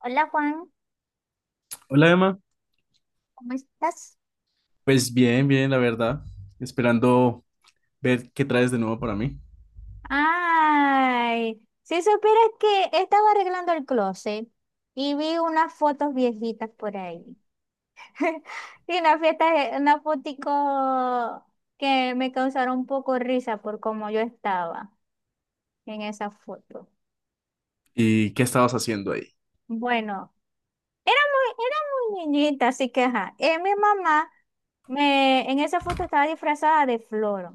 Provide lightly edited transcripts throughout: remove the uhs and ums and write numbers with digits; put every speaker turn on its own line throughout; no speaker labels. Hola Juan,
Hola Emma,
¿cómo estás?
pues bien, bien, la verdad. Esperando ver qué traes de nuevo para mí.
Ay, si supieras que estaba arreglando el closet y vi unas fotos viejitas por ahí. Y una fiesta, una fotico que me causaron un poco risa por cómo yo estaba en esa foto.
Y qué estabas haciendo ahí.
Bueno, era era muy niñita, así que ajá. Mi mamá me, en esa foto estaba disfrazada de flor.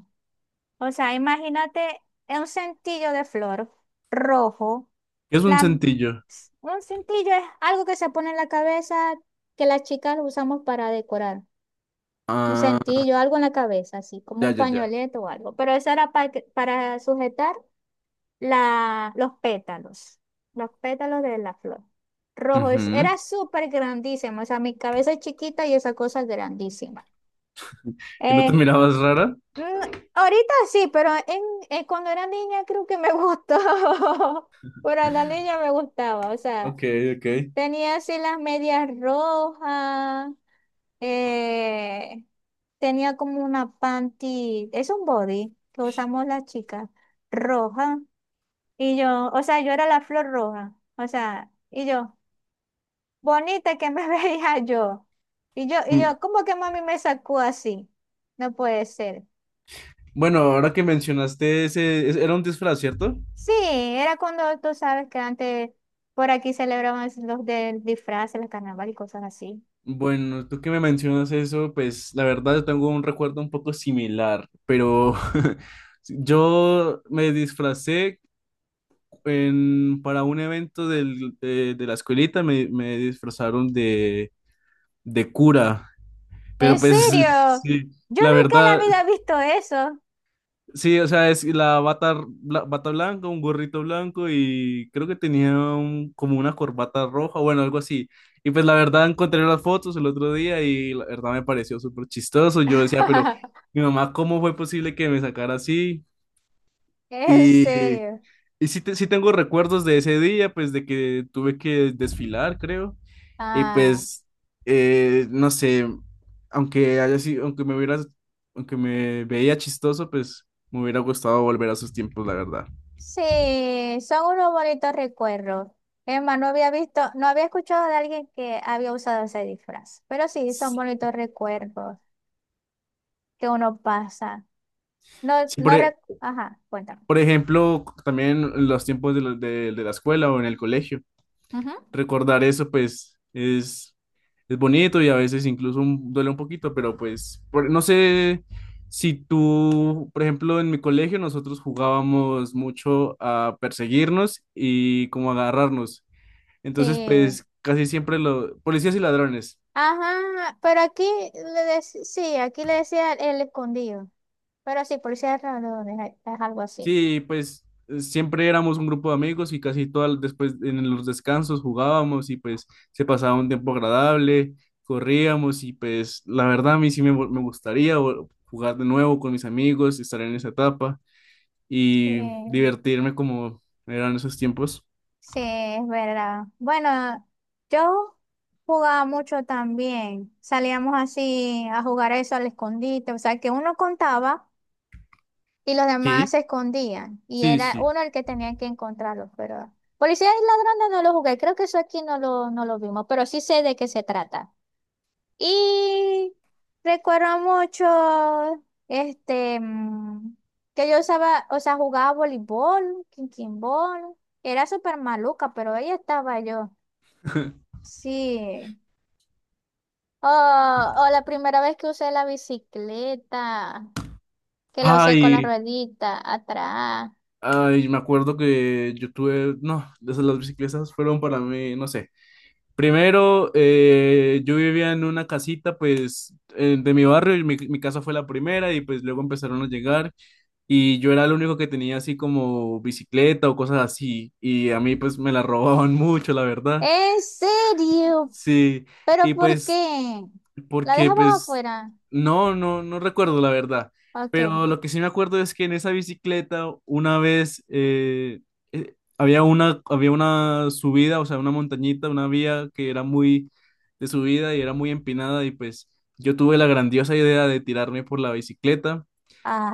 O sea, imagínate un centillo de flor rojo.
¿Qué es un
La,
centillo?
un cintillo es algo que se pone en la cabeza que las chicas lo usamos para decorar. Un
Ah,
cintillo, algo en la cabeza, así como
ya,
un
ya, ya.
pañoleto o algo. Pero eso era para sujetar la, los pétalos de la flor. Rojo,
Ujú.
era súper grandísimo. O sea, mi cabeza es chiquita y esa cosa es grandísima.
¿Y no te
Eh,
mirabas rara?
mm, ahorita sí, pero cuando era niña creo que me gustó. Cuando era niña me gustaba, o sea.
Ok, ok.
Tenía así las medias rojas, eh, tenía como una panty, es un body que usamos las chicas, roja. Y yo, o sea, yo era la flor roja, o sea, y yo, bonita que me veía yo. Y yo, y
Mm.
yo, ¿cómo que mami me sacó así? No puede ser.
Bueno, ahora que mencionaste era un disfraz, ¿cierto?
Sí, era cuando tú sabes que antes por aquí celebraban los del disfraz, el carnaval y cosas así.
Bueno, tú que me mencionas eso, pues la verdad yo tengo un recuerdo un poco similar, pero yo me disfracé para un evento de la escuelita me disfrazaron de cura, pero
¿En
pues
serio?
sí,
Yo
la
nunca en
verdad,
la vida he visto eso.
sí, o sea, es la bata, bata blanca, un gorrito blanco y creo que tenía como una corbata roja, bueno, algo así. Y pues la verdad encontré las fotos el otro día y la verdad me pareció súper chistoso. Yo decía, pero mi mamá, ¿cómo fue posible que me sacara así?
¿En
Y
serio?
Y sí, sí tengo recuerdos de ese día, pues de que tuve que desfilar, creo. Y
Ah,
pues, no sé, aunque haya sido, aunque me veía chistoso, pues me hubiera gustado volver a esos tiempos, la verdad.
sí, son unos bonitos recuerdos. Emma, no había visto, no había escuchado de alguien que había usado ese disfraz, pero sí, son bonitos recuerdos que uno pasa. No,
Sí,
no, rec- ajá, cuéntame.
por ejemplo, también en los tiempos de la escuela o en el colegio.
Ujú.
Recordar eso, pues, es bonito y a veces incluso duele un poquito, pero no sé si tú, por ejemplo, en mi colegio nosotros jugábamos mucho a perseguirnos y como agarrarnos.
Sí,
Entonces, pues casi siempre los policías y ladrones.
ajá, pero aquí sí, aquí le decía el escondido, pero sí, por cierto, no, es algo así.
Sí, pues siempre éramos un grupo de amigos y casi todas después en los descansos jugábamos y pues se pasaba un tiempo agradable, corríamos y pues la verdad a mí sí me gustaría jugar de nuevo con mis amigos, estar en esa etapa y
Sí.
divertirme como eran esos tiempos.
Sí, es verdad. Bueno, yo jugaba mucho también. Salíamos así a jugar eso al escondite. O sea, que uno contaba y los demás
Sí,
se escondían. Y
sí,
era
sí.
uno el que tenía que encontrarlos. Pero policía y ladrones no lo jugué. Creo que eso aquí no lo vimos. Pero sí sé de qué se trata. Y recuerdo mucho, que yo usaba, o sea, jugaba voleibol, quinquinbol. Era súper maluca, pero ahí estaba yo. Sí. O la primera vez que usé la bicicleta, que la usé con la
Ay,
ruedita atrás.
ay, me acuerdo que yo tuve, no, esas las bicicletas fueron para mí, no sé. Primero, yo vivía en una casita, pues, de mi barrio y mi casa fue la primera y pues luego empezaron a llegar y yo era el único que tenía así como bicicleta o cosas así y a mí pues me la robaban mucho, la verdad.
¿En serio?
Sí,
¿Pero
y
por
pues
qué? ¿La
porque
dejabas
pues
afuera?
no recuerdo la verdad,
Ok.
pero lo que sí me acuerdo es que en esa bicicleta una vez había una subida, o sea, una montañita, una vía que era muy de subida y era muy empinada y pues yo tuve la grandiosa idea de tirarme por la bicicleta,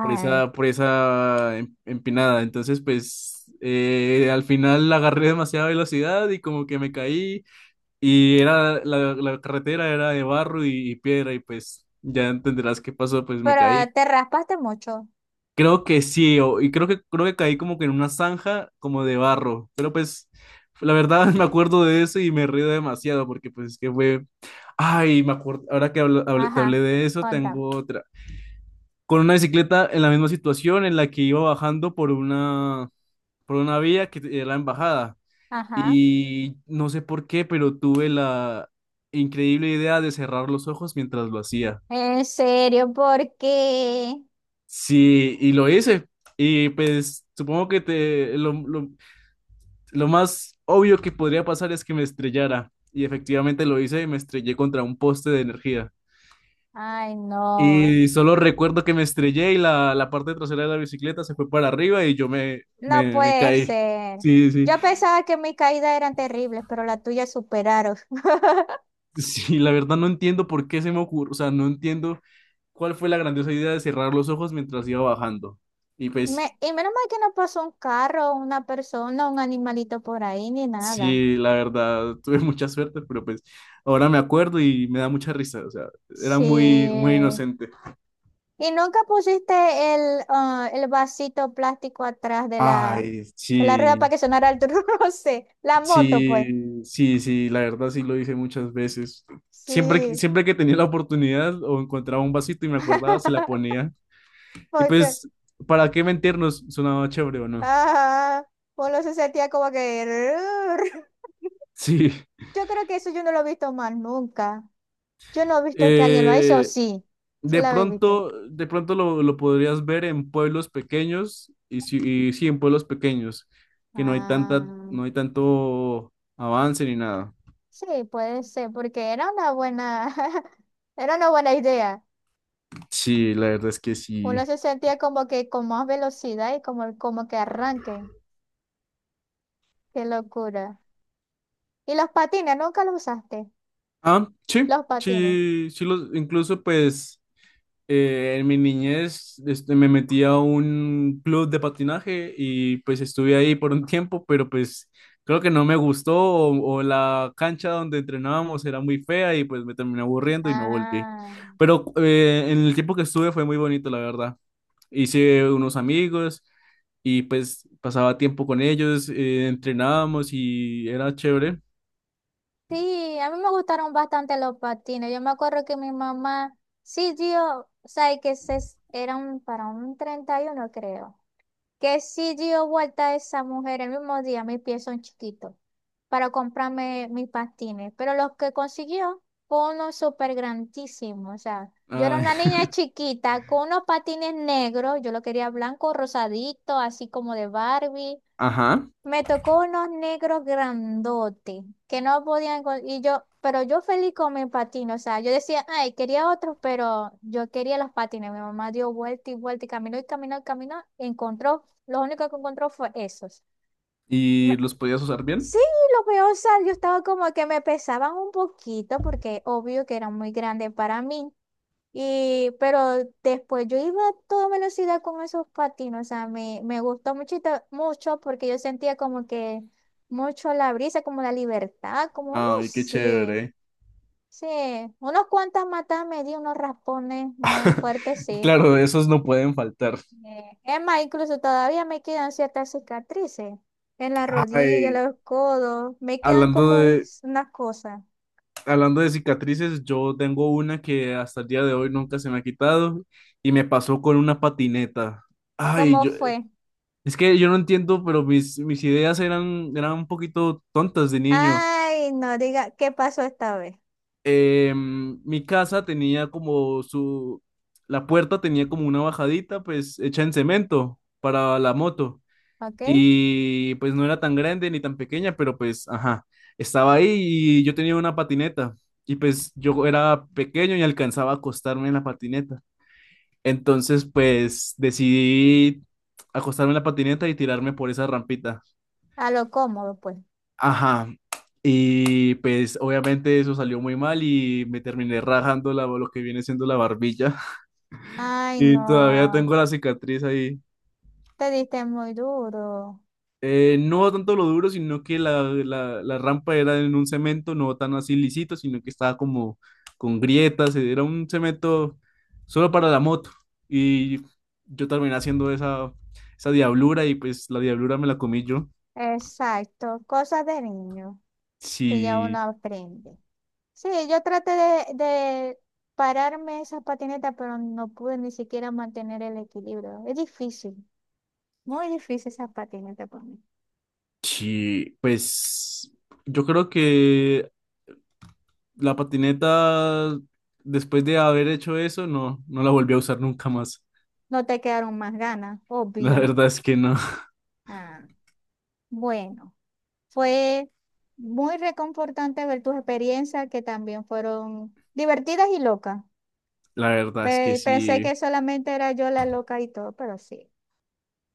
por esa empinada, entonces pues al final agarré demasiada velocidad y como que me caí y era la carretera era de barro y piedra y pues ya entenderás qué pasó, pues me caí.
pero te raspaste mucho.
Creo que sí, y creo que caí como que en una zanja como de barro, pero pues la verdad me acuerdo de eso y me río demasiado porque pues que fue, ay, me acuerdo, ahora que te hablé
Ajá,
de eso,
cuéntame.
tengo otra. Con una bicicleta en la misma situación en la que iba bajando por una vía que era la embajada.
Ajá.
Y no sé por qué, pero tuve la increíble idea de cerrar los ojos mientras lo hacía.
En serio, ¿por qué?
Sí, y lo hice. Y pues supongo que lo más obvio que podría pasar es que me estrellara. Y efectivamente lo hice y me estrellé contra un poste de energía.
Ay, no,
Y solo recuerdo que me estrellé y la parte trasera de la bicicleta se fue para arriba y yo
no
me
puede
caí.
ser.
Sí, sí.
Yo pensaba que mis caídas eran terribles, pero las tuyas superaron.
Sí, la verdad no entiendo por qué se me ocurrió, o sea, no entiendo cuál fue la grandiosa idea de cerrar los ojos mientras iba bajando. Y pues
Y menos mal que no pasó un carro, una persona, un animalito por ahí, ni nada.
sí, la verdad, tuve mucha suerte, pero pues ahora me acuerdo y me da mucha risa, o sea, era muy,
Sí.
muy inocente.
¿Y nunca pusiste el, ah, el vasito plástico atrás
Ay,
de la rueda para
sí,
que sonara el truce? La moto, pues.
sí, sí, sí, la verdad sí lo hice muchas veces. Siempre,
Sí.
siempre que tenía la oportunidad o encontraba un vasito y me acordaba, se la ponía. Y
Porque
pues, ¿para qué mentirnos? Sonaba chévere o no.
ajá. Uno se sentía como que... "Rrr".
Sí.
Yo creo que eso yo no lo he visto más nunca. Yo no he visto que alguien lo ha hecho,
Eh,
sí. Sí la habéis visto.
De pronto lo podrías ver en pueblos pequeños y sí, en pueblos pequeños, que no hay tanta,
Ah,
no hay tanto avance ni nada.
sí, puede ser, porque era una buena, era una buena idea.
Sí, la verdad es que
Uno
sí.
se sentía como que con más velocidad y como, como que arranque. Qué locura. Y los patines, nunca los usaste.
Ah, sí,
Los patines.
sí, sí los, incluso pues en mi niñez este, me metí a un club de patinaje y pues estuve ahí por un tiempo, pero pues creo que no me gustó o la cancha donde entrenábamos era muy fea y pues me terminé aburriendo y no volví.
Ah.
Pero en el tiempo que estuve fue muy bonito, la verdad. Hice unos amigos y pues pasaba tiempo con ellos, entrenábamos y era chévere.
Sí, a mí me gustaron bastante los patines. Yo me acuerdo que mi mamá sí dio, o sea, eran para un 31, creo, que sí dio vuelta a esa mujer el mismo día, mis pies son chiquitos, para comprarme mis patines. Pero los que consiguió fue uno súper grandísimo. O sea, yo era
Ay,
una niña chiquita con unos patines negros, yo lo quería blanco, rosadito, así como de Barbie.
ajá,
Me tocó unos negros grandotes que no podían con- y yo, pero yo feliz con mis patines, o sea, yo decía, ay, quería otros, pero yo quería los patines. Mi mamá dio vuelta y vuelta y caminó y caminó y caminó, encontró, lo único que encontró fue esos.
y
Me-
los podías usar bien.
sí, lo peor, o sea, yo estaba como que me pesaban un poquito porque obvio que eran muy grandes para mí. Y, pero después yo iba a toda velocidad con esos patines, o sea, me gustó muchito, mucho porque yo sentía como que mucho la brisa, como la libertad, como no
Ay, qué
sé,
chévere.
sí, unos cuantas matas me di, unos raspones muy fuertes, sí.
Claro, esos no pueden faltar.
Es más, incluso todavía me quedan ciertas cicatrices en la rodilla,
Ay,
los codos, me quedan
hablando
como
de,
unas cosas.
hablando de cicatrices, yo tengo una que hasta el día de hoy nunca se me ha quitado y me pasó con una patineta. Ay,
¿Cómo
yo,
fue?
es que yo no entiendo, pero mis ideas eran, eran un poquito tontas de niño.
Ay, no diga, ¿qué pasó esta vez?
Mi casa tenía como su, la puerta tenía como una bajadita, pues hecha en cemento para la moto.
¿Ok?
Y pues no era tan grande ni tan pequeña, pero pues, ajá, estaba ahí y yo tenía una patineta. Y pues yo era pequeño y alcanzaba a acostarme en la patineta. Entonces, pues decidí acostarme en la patineta y tirarme por esa rampita.
A lo cómodo, pues.
Ajá. Y pues obviamente eso salió muy mal y me terminé rajando la, lo que viene siendo la barbilla.
Ay,
Y todavía
no,
tengo la cicatriz ahí.
te diste muy duro.
No tanto lo duro, sino que la rampa era en un cemento no tan así lisito, sino que estaba como con grietas, era un cemento solo para la moto. Y yo terminé haciendo esa, esa diablura y pues la diablura me la comí yo.
Exacto, cosas de niño que ya uno
Sí,
aprende. Sí, yo traté de pararme esas patinetas, pero no pude ni siquiera mantener el equilibrio. Es difícil, muy difícil esas patinetas para mí.
sí, pues yo creo que la patineta, después de haber hecho eso, no, no la volví a usar nunca más.
No te quedaron más ganas,
La
obvio.
verdad es que no,
Ah, bueno, fue muy reconfortante ver tus experiencias que también fueron divertidas y locas.
la verdad es que
Pensé
sí,
que solamente era yo la loca y todo, pero sí.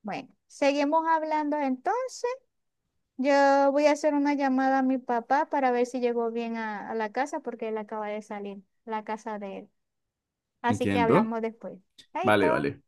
Bueno, seguimos hablando entonces. Yo voy a hacer una llamada a mi papá para ver si llegó bien a la casa porque él acaba de salir, la casa de él. Así que
entiendo.
hablamos después. Chaito.
Vale, vale.